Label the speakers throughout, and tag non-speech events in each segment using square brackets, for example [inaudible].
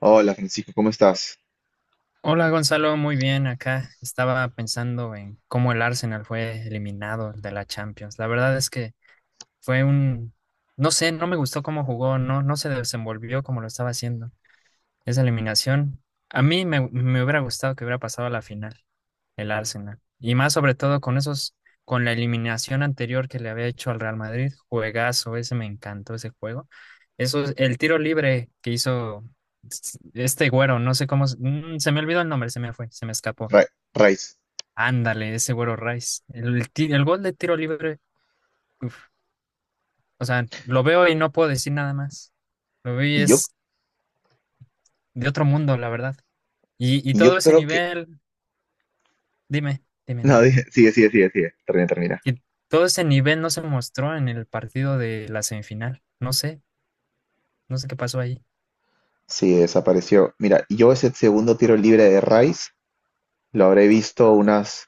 Speaker 1: Hola Francisco, ¿cómo estás?
Speaker 2: Hola Gonzalo, muy bien acá. Estaba pensando en cómo el Arsenal fue eliminado de la Champions. La verdad es que fue un, no sé, no me gustó cómo jugó, no, no se desenvolvió como lo estaba haciendo. Esa eliminación, a mí me hubiera gustado que hubiera pasado a la final el Arsenal. Y más sobre todo con esos, con la eliminación anterior que le había hecho al Real Madrid, juegazo, ese me encantó ese juego. Eso, el tiro libre que hizo este güero, no sé cómo, se me olvidó el nombre, se me fue, se me escapó.
Speaker 1: Ra- Raiz.
Speaker 2: Ándale, ese güero Rice. El gol de tiro libre, uf, o sea, lo veo y no puedo decir nada más. Lo veo y
Speaker 1: Y yo,
Speaker 2: es de otro mundo, la verdad. Y
Speaker 1: y yo
Speaker 2: todo ese
Speaker 1: creo que [laughs]
Speaker 2: nivel. Dime, dime,
Speaker 1: No,
Speaker 2: dime.
Speaker 1: sigue, sigue, sigue, sigue. Termina, termina.
Speaker 2: Que todo ese nivel no se mostró en el partido de la semifinal. No sé qué pasó ahí.
Speaker 1: Sí, desapareció. Mira, yo ese segundo tiro libre de Rice lo habré visto unas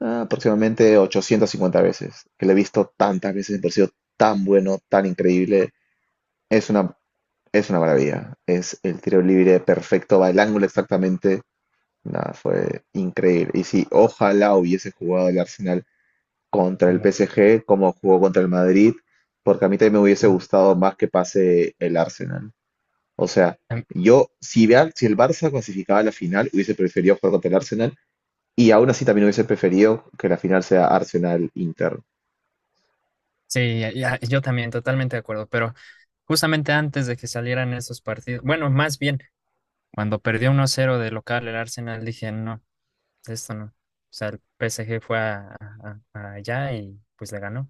Speaker 1: aproximadamente 850 veces. Que lo he visto tantas veces, me pareció tan bueno, tan increíble. Es una, es una maravilla. Es el tiro libre perfecto, va el ángulo exactamente. Nada, fue increíble. Y si ojalá hubiese jugado el Arsenal contra el
Speaker 2: Como,
Speaker 1: PSG como jugó contra el Madrid, porque a mí también me hubiese gustado más que pase el Arsenal. O sea,
Speaker 2: Am-
Speaker 1: yo, si, vea- si el Barça clasificaba a la final, hubiese preferido jugar contra el Arsenal y aún así también hubiese preferido que la final sea Arsenal-Inter.
Speaker 2: sí, ya, yo también, totalmente de acuerdo. Pero justamente antes de que salieran esos partidos, bueno, más bien, cuando perdió 1 cero de local el Arsenal, dije, no, esto no. O sea, el PSG fue allá y pues le ganó.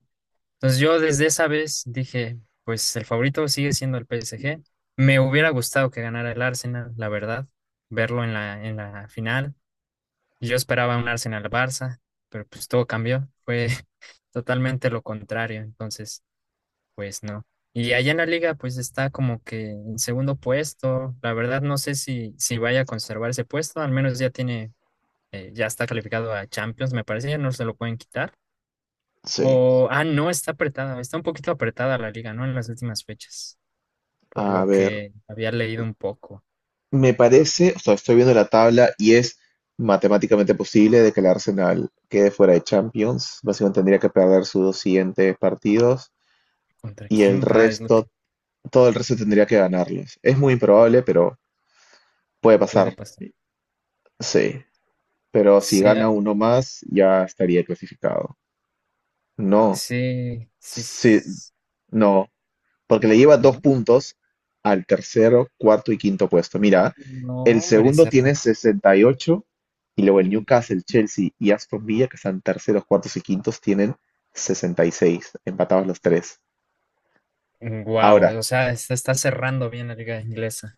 Speaker 2: Entonces yo desde esa vez dije, pues el favorito sigue siendo el PSG. Me hubiera gustado que ganara el Arsenal, la verdad, verlo en la final. Yo esperaba un Arsenal-Barça, pero pues todo cambió. Fue [laughs] totalmente lo contrario, entonces pues no. Y allá en la liga pues está como que en segundo puesto. La verdad no sé si vaya a conservar ese puesto, al menos ya tiene, ya está calificado a Champions, me parece, ya no se lo pueden quitar.
Speaker 1: Sí.
Speaker 2: Ah, no, está apretada, está un poquito apretada la liga, ¿no? En las últimas fechas, por
Speaker 1: A
Speaker 2: lo
Speaker 1: ver,
Speaker 2: que había leído un poco.
Speaker 1: me parece, o sea, estoy viendo la tabla y es matemáticamente posible de que el Arsenal quede fuera de Champions. Básicamente tendría que perder sus dos siguientes partidos
Speaker 2: ¿Contra
Speaker 1: y el
Speaker 2: quién va? Es lo que
Speaker 1: resto todo el resto tendría que ganarlos. Es muy improbable, pero puede
Speaker 2: puede
Speaker 1: pasar,
Speaker 2: pasar.
Speaker 1: sí. Pero si
Speaker 2: Sea,
Speaker 1: gana uno más, ya estaría clasificado. No,
Speaker 2: sí, sí,
Speaker 1: sí, no, porque le lleva dos
Speaker 2: no,
Speaker 1: puntos al tercero, cuarto y quinto puesto. Mira,
Speaker 2: no,
Speaker 1: el
Speaker 2: hombre,
Speaker 1: segundo
Speaker 2: cerró.
Speaker 1: tiene 68 y ocho y luego el Newcastle, Chelsea y Aston Villa, que están terceros, cuartos y quintos, tienen 66, empatados los tres. Ahora,
Speaker 2: Wow, o sea, se está cerrando bien la liga inglesa.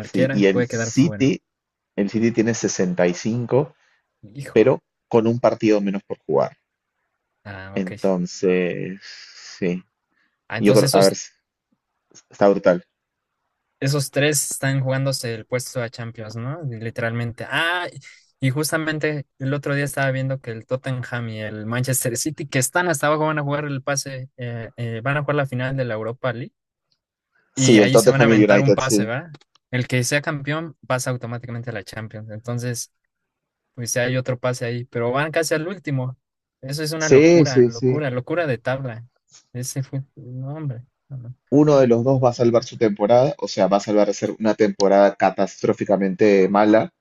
Speaker 1: sí, y
Speaker 2: puede quedar fuera.
Speaker 1: El City tiene 65
Speaker 2: Híjole.
Speaker 1: pero con un partido menos por jugar.
Speaker 2: Ah, ok.
Speaker 1: Entonces, sí,
Speaker 2: Ah,
Speaker 1: yo creo,
Speaker 2: entonces
Speaker 1: a ver,
Speaker 2: esos
Speaker 1: está brutal.
Speaker 2: esos tres están jugándose el puesto a Champions, ¿no? Literalmente. Ah, y justamente el otro día estaba viendo que el Tottenham y el Manchester City, que están hasta abajo, van a jugar el pase, van a jugar la final de la Europa League y
Speaker 1: Sí, el
Speaker 2: ahí se van a
Speaker 1: Tottenham y el
Speaker 2: aventar un
Speaker 1: United,
Speaker 2: pase,
Speaker 1: sí.
Speaker 2: ¿va? El que sea campeón pasa automáticamente a la Champions. Entonces, pues ya hay otro pase ahí, pero van casi al último. Eso es una
Speaker 1: Sí,
Speaker 2: locura,
Speaker 1: sí, sí.
Speaker 2: locura, locura de tabla. Ese fue, no, hombre. No, no.
Speaker 1: Uno de los dos va a salvar su temporada, o sea, va a salvar de ser una temporada catastróficamente mala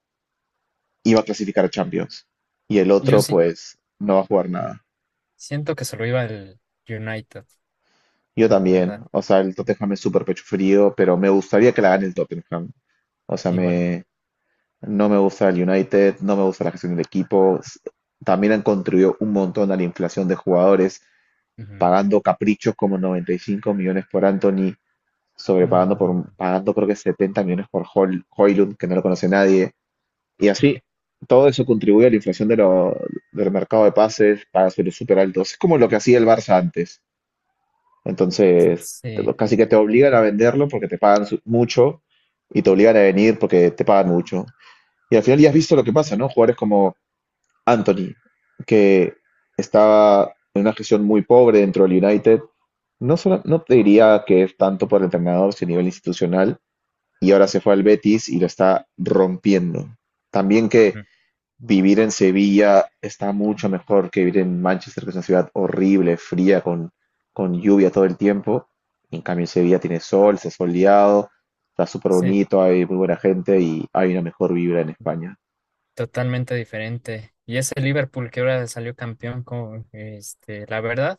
Speaker 1: y va a clasificar a Champions. Y el
Speaker 2: Yo
Speaker 1: otro,
Speaker 2: sí,
Speaker 1: pues, no va a jugar nada.
Speaker 2: siento que se lo iba el United.
Speaker 1: Yo
Speaker 2: La
Speaker 1: también,
Speaker 2: verdad,
Speaker 1: o sea, el Tottenham es súper pecho frío, pero me gustaría que la gane el Tottenham. O sea,
Speaker 2: igual a mí.
Speaker 1: no me gusta el United, no me gusta la gestión del equipo. También han contribuido un montón a la inflación de jugadores,
Speaker 2: Ujú.
Speaker 1: pagando caprichos como 95 millones por Anthony, sobrepagando
Speaker 2: Mm,
Speaker 1: pagando creo que 70 millones por Højlund, que no lo conoce nadie. Y así, todo eso contribuye a la inflación de del mercado de pases, pagas sueldos súper altos. Es como lo que hacía el Barça antes. Entonces,
Speaker 2: sí,
Speaker 1: casi que te obligan a venderlo porque te pagan mucho y te obligan a venir porque te pagan mucho. Y al final ya has visto lo que pasa, ¿no? Jugadores como Anthony, que estaba en una gestión muy pobre dentro del United, no solo, no te diría que es tanto por el entrenador, sino a nivel institucional, y ahora se fue al Betis y lo está rompiendo. También que
Speaker 2: mm,
Speaker 1: vivir en Sevilla está mucho mejor que vivir en Manchester, que es una ciudad horrible, fría, con lluvia todo el tiempo. En cambio, en Sevilla tiene sol, se ha soleado, está súper
Speaker 2: sí,
Speaker 1: bonito, hay muy buena gente y hay una mejor vibra en España.
Speaker 2: totalmente diferente. Y ese Liverpool que ahora salió campeón, como, la verdad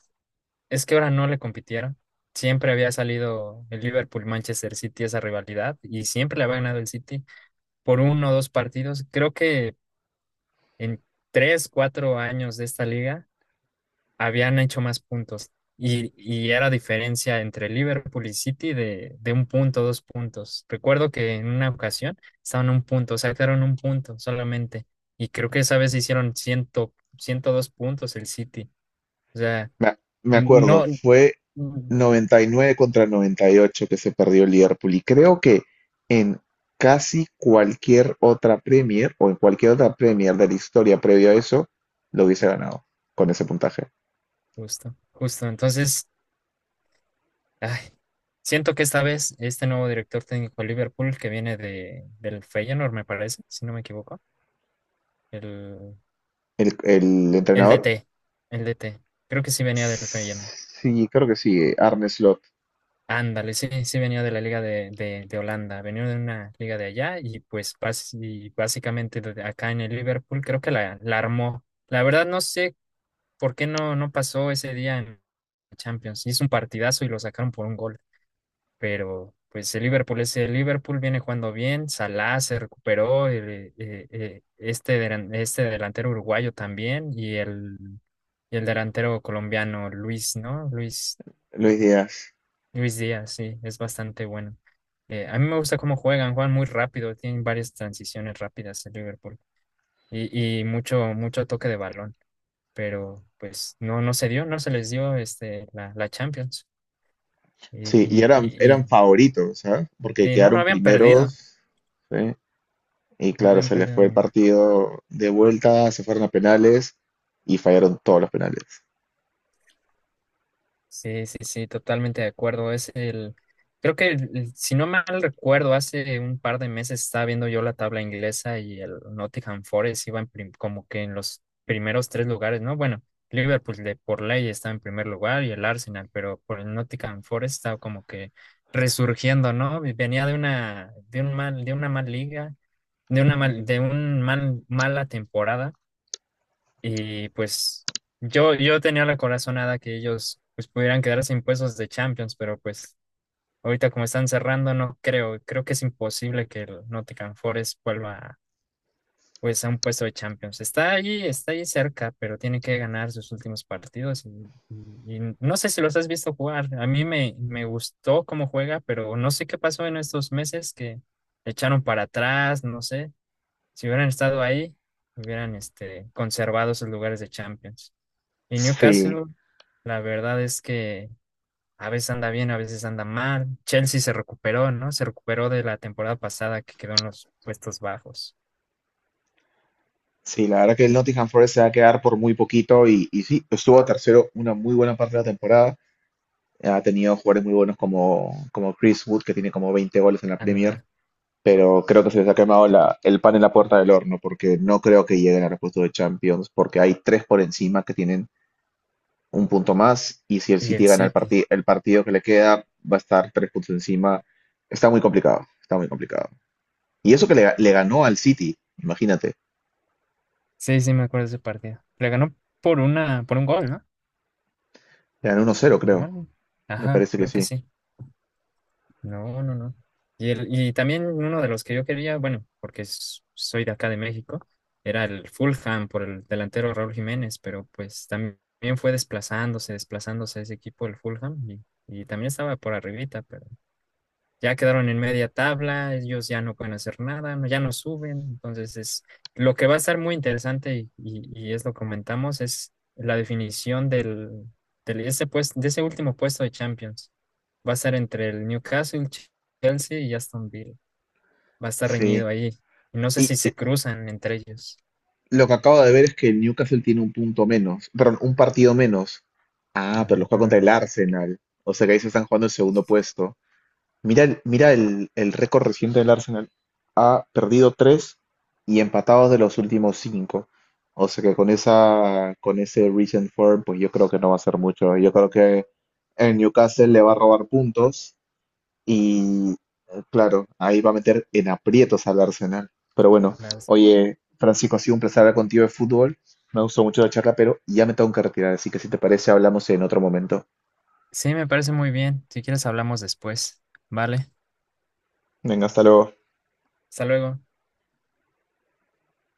Speaker 2: es que ahora no le compitieron. Siempre había salido el Liverpool-Manchester City esa rivalidad y siempre le había ganado el City por uno o dos partidos. Creo que en 3, 4 años de esta liga habían hecho más puntos, y era diferencia entre Liverpool y City de un punto, 2 puntos. Recuerdo que en una ocasión estaban a un punto, sacaron un punto solamente, y creo que esa vez hicieron 100, 102 puntos el City. O sea,
Speaker 1: Me acuerdo,
Speaker 2: no,
Speaker 1: fue 99 contra 98 que se perdió el Liverpool. Y creo que en casi cualquier otra Premier o en cualquier otra Premier de la historia previo a eso, lo hubiese ganado con ese puntaje.
Speaker 2: justo, justo. Entonces, ay, siento que esta vez este nuevo director técnico de Liverpool que viene del Feyenoord, me parece, si no me equivoco, el,
Speaker 1: El
Speaker 2: el
Speaker 1: entrenador,
Speaker 2: DT, el DT. Creo que sí venía del Feyenoord.
Speaker 1: sí, creo que sí, Arne Slot,
Speaker 2: Ándale, sí, sí venía de la liga de Holanda, venía de una liga de allá, y pues y básicamente de acá en el Liverpool creo que la armó. La verdad no sé por qué no pasó ese día en Champions. Hizo un partidazo y lo sacaron por un gol, pero pues el Liverpool es el Liverpool, viene jugando bien, Salah se recuperó, este delantero uruguayo también, y el delantero colombiano Luis, ¿no? Luis.
Speaker 1: Luis Díaz.
Speaker 2: Luis Díaz, sí, es bastante bueno. A mí me gusta cómo juegan, juegan muy rápido, tienen varias transiciones rápidas el Liverpool, y mucho, mucho toque de balón, pero pues no se dio, no se les dio la Champions. y,
Speaker 1: Sí,
Speaker 2: y,
Speaker 1: y
Speaker 2: y, y-
Speaker 1: eran favoritos, ¿sabes? Porque
Speaker 2: sí, no, no
Speaker 1: quedaron
Speaker 2: habían perdido,
Speaker 1: primeros. Sí. Y
Speaker 2: no
Speaker 1: claro,
Speaker 2: habían
Speaker 1: se les
Speaker 2: perdido
Speaker 1: fue el
Speaker 2: ni.
Speaker 1: partido de vuelta, se fueron a penales y fallaron todos los penales.
Speaker 2: Sí, sí, sí, totalmente de acuerdo. Es el, creo que si no mal recuerdo, hace un par de meses estaba viendo yo la tabla inglesa, y el Nottingham Forest iba en como que en los primeros tres lugares, ¿no? Bueno, Liverpool de por ley estaba en primer lugar y el Arsenal, pero por el Nottingham Forest estaba como que resurgiendo, ¿no? Y venía de una, de un mal, de una mal liga, de una mal, de un mal, mala temporada, y pues yo tenía la corazonada que ellos pues pudieran quedarse sin puestos de Champions, pero pues ahorita como están cerrando, no creo, creo que es imposible que el Nottingham Forest vuelva pues a un puesto de Champions. Está allí cerca, pero tiene que ganar sus últimos partidos, y no sé si los has visto jugar. A mí me gustó cómo juega, pero no sé qué pasó en estos meses que le echaron para atrás, no sé, si hubieran estado ahí, hubieran conservado sus lugares de Champions. Y
Speaker 1: Sí,
Speaker 2: Newcastle, la verdad es que a veces anda bien, a veces anda mal. Chelsea se recuperó, ¿no? Se recuperó de la temporada pasada que quedó en los puestos bajos.
Speaker 1: sí, la verdad que el Nottingham Forest se va a quedar por muy poquito y sí, estuvo tercero una muy buena parte de la temporada. Ha tenido jugadores muy buenos como, como Chris Wood, que tiene como 20 goles en la Premier,
Speaker 2: Anda.
Speaker 1: pero creo que se les ha quemado el pan en la puerta del horno, porque no creo que lleguen a los puestos de Champions, porque hay tres por encima que tienen un punto más y si el
Speaker 2: Y
Speaker 1: City
Speaker 2: el
Speaker 1: gana
Speaker 2: City.
Speaker 1: el partido que le queda, va a estar tres puntos encima. Está muy complicado, está muy complicado. Y eso que le ganó al City, imagínate.
Speaker 2: Sí, sí, me acuerdo de ese partido. Le ganó por una, por un gol, ¿no?
Speaker 1: Le ganó 1-0
Speaker 2: Si no
Speaker 1: creo.
Speaker 2: mal-
Speaker 1: Me
Speaker 2: Ajá,
Speaker 1: parece que
Speaker 2: creo que
Speaker 1: sí.
Speaker 2: sí. No, no, no. Y, y también uno de los que yo quería, bueno, porque soy de acá de México, era el Fulham por el delantero Raúl Jiménez, pero pues también fue desplazándose, desplazándose ese equipo, el Fulham, y también estaba por arribita, pero ya quedaron en media tabla, ellos ya no pueden hacer nada, ya no suben. Entonces, es lo que va a estar muy interesante, y es lo que comentamos, es la definición ese pues, de ese último puesto de Champions. Va a ser entre el Newcastle, Chelsea y Aston Villa. Va a estar
Speaker 1: Sí.
Speaker 2: reñido ahí. Y no sé
Speaker 1: Y
Speaker 2: si se cruzan entre ellos.
Speaker 1: lo que acabo de ver es que el Newcastle tiene un punto menos, perdón, un partido menos. Ah, pero lo juega contra el
Speaker 2: Ah,
Speaker 1: Arsenal. O sea que ahí se están jugando el segundo puesto. Mira, mira el récord reciente del Arsenal. Ha perdido tres y empatados de los últimos cinco. O sea que con esa, con ese recent form, pues yo creo que no va a ser mucho. Yo creo que el Newcastle le va a robar puntos y, claro, ahí va a meter en aprietos al Arsenal. Pero bueno,
Speaker 2: las-
Speaker 1: oye, Francisco, ha sido un placer hablar contigo de fútbol. Me gustó mucho la charla, pero ya me tengo que retirar. Así que si te parece, hablamos en otro momento.
Speaker 2: sí, me parece muy bien. Si quieres, hablamos después. Vale,
Speaker 1: Venga, hasta luego.
Speaker 2: hasta luego.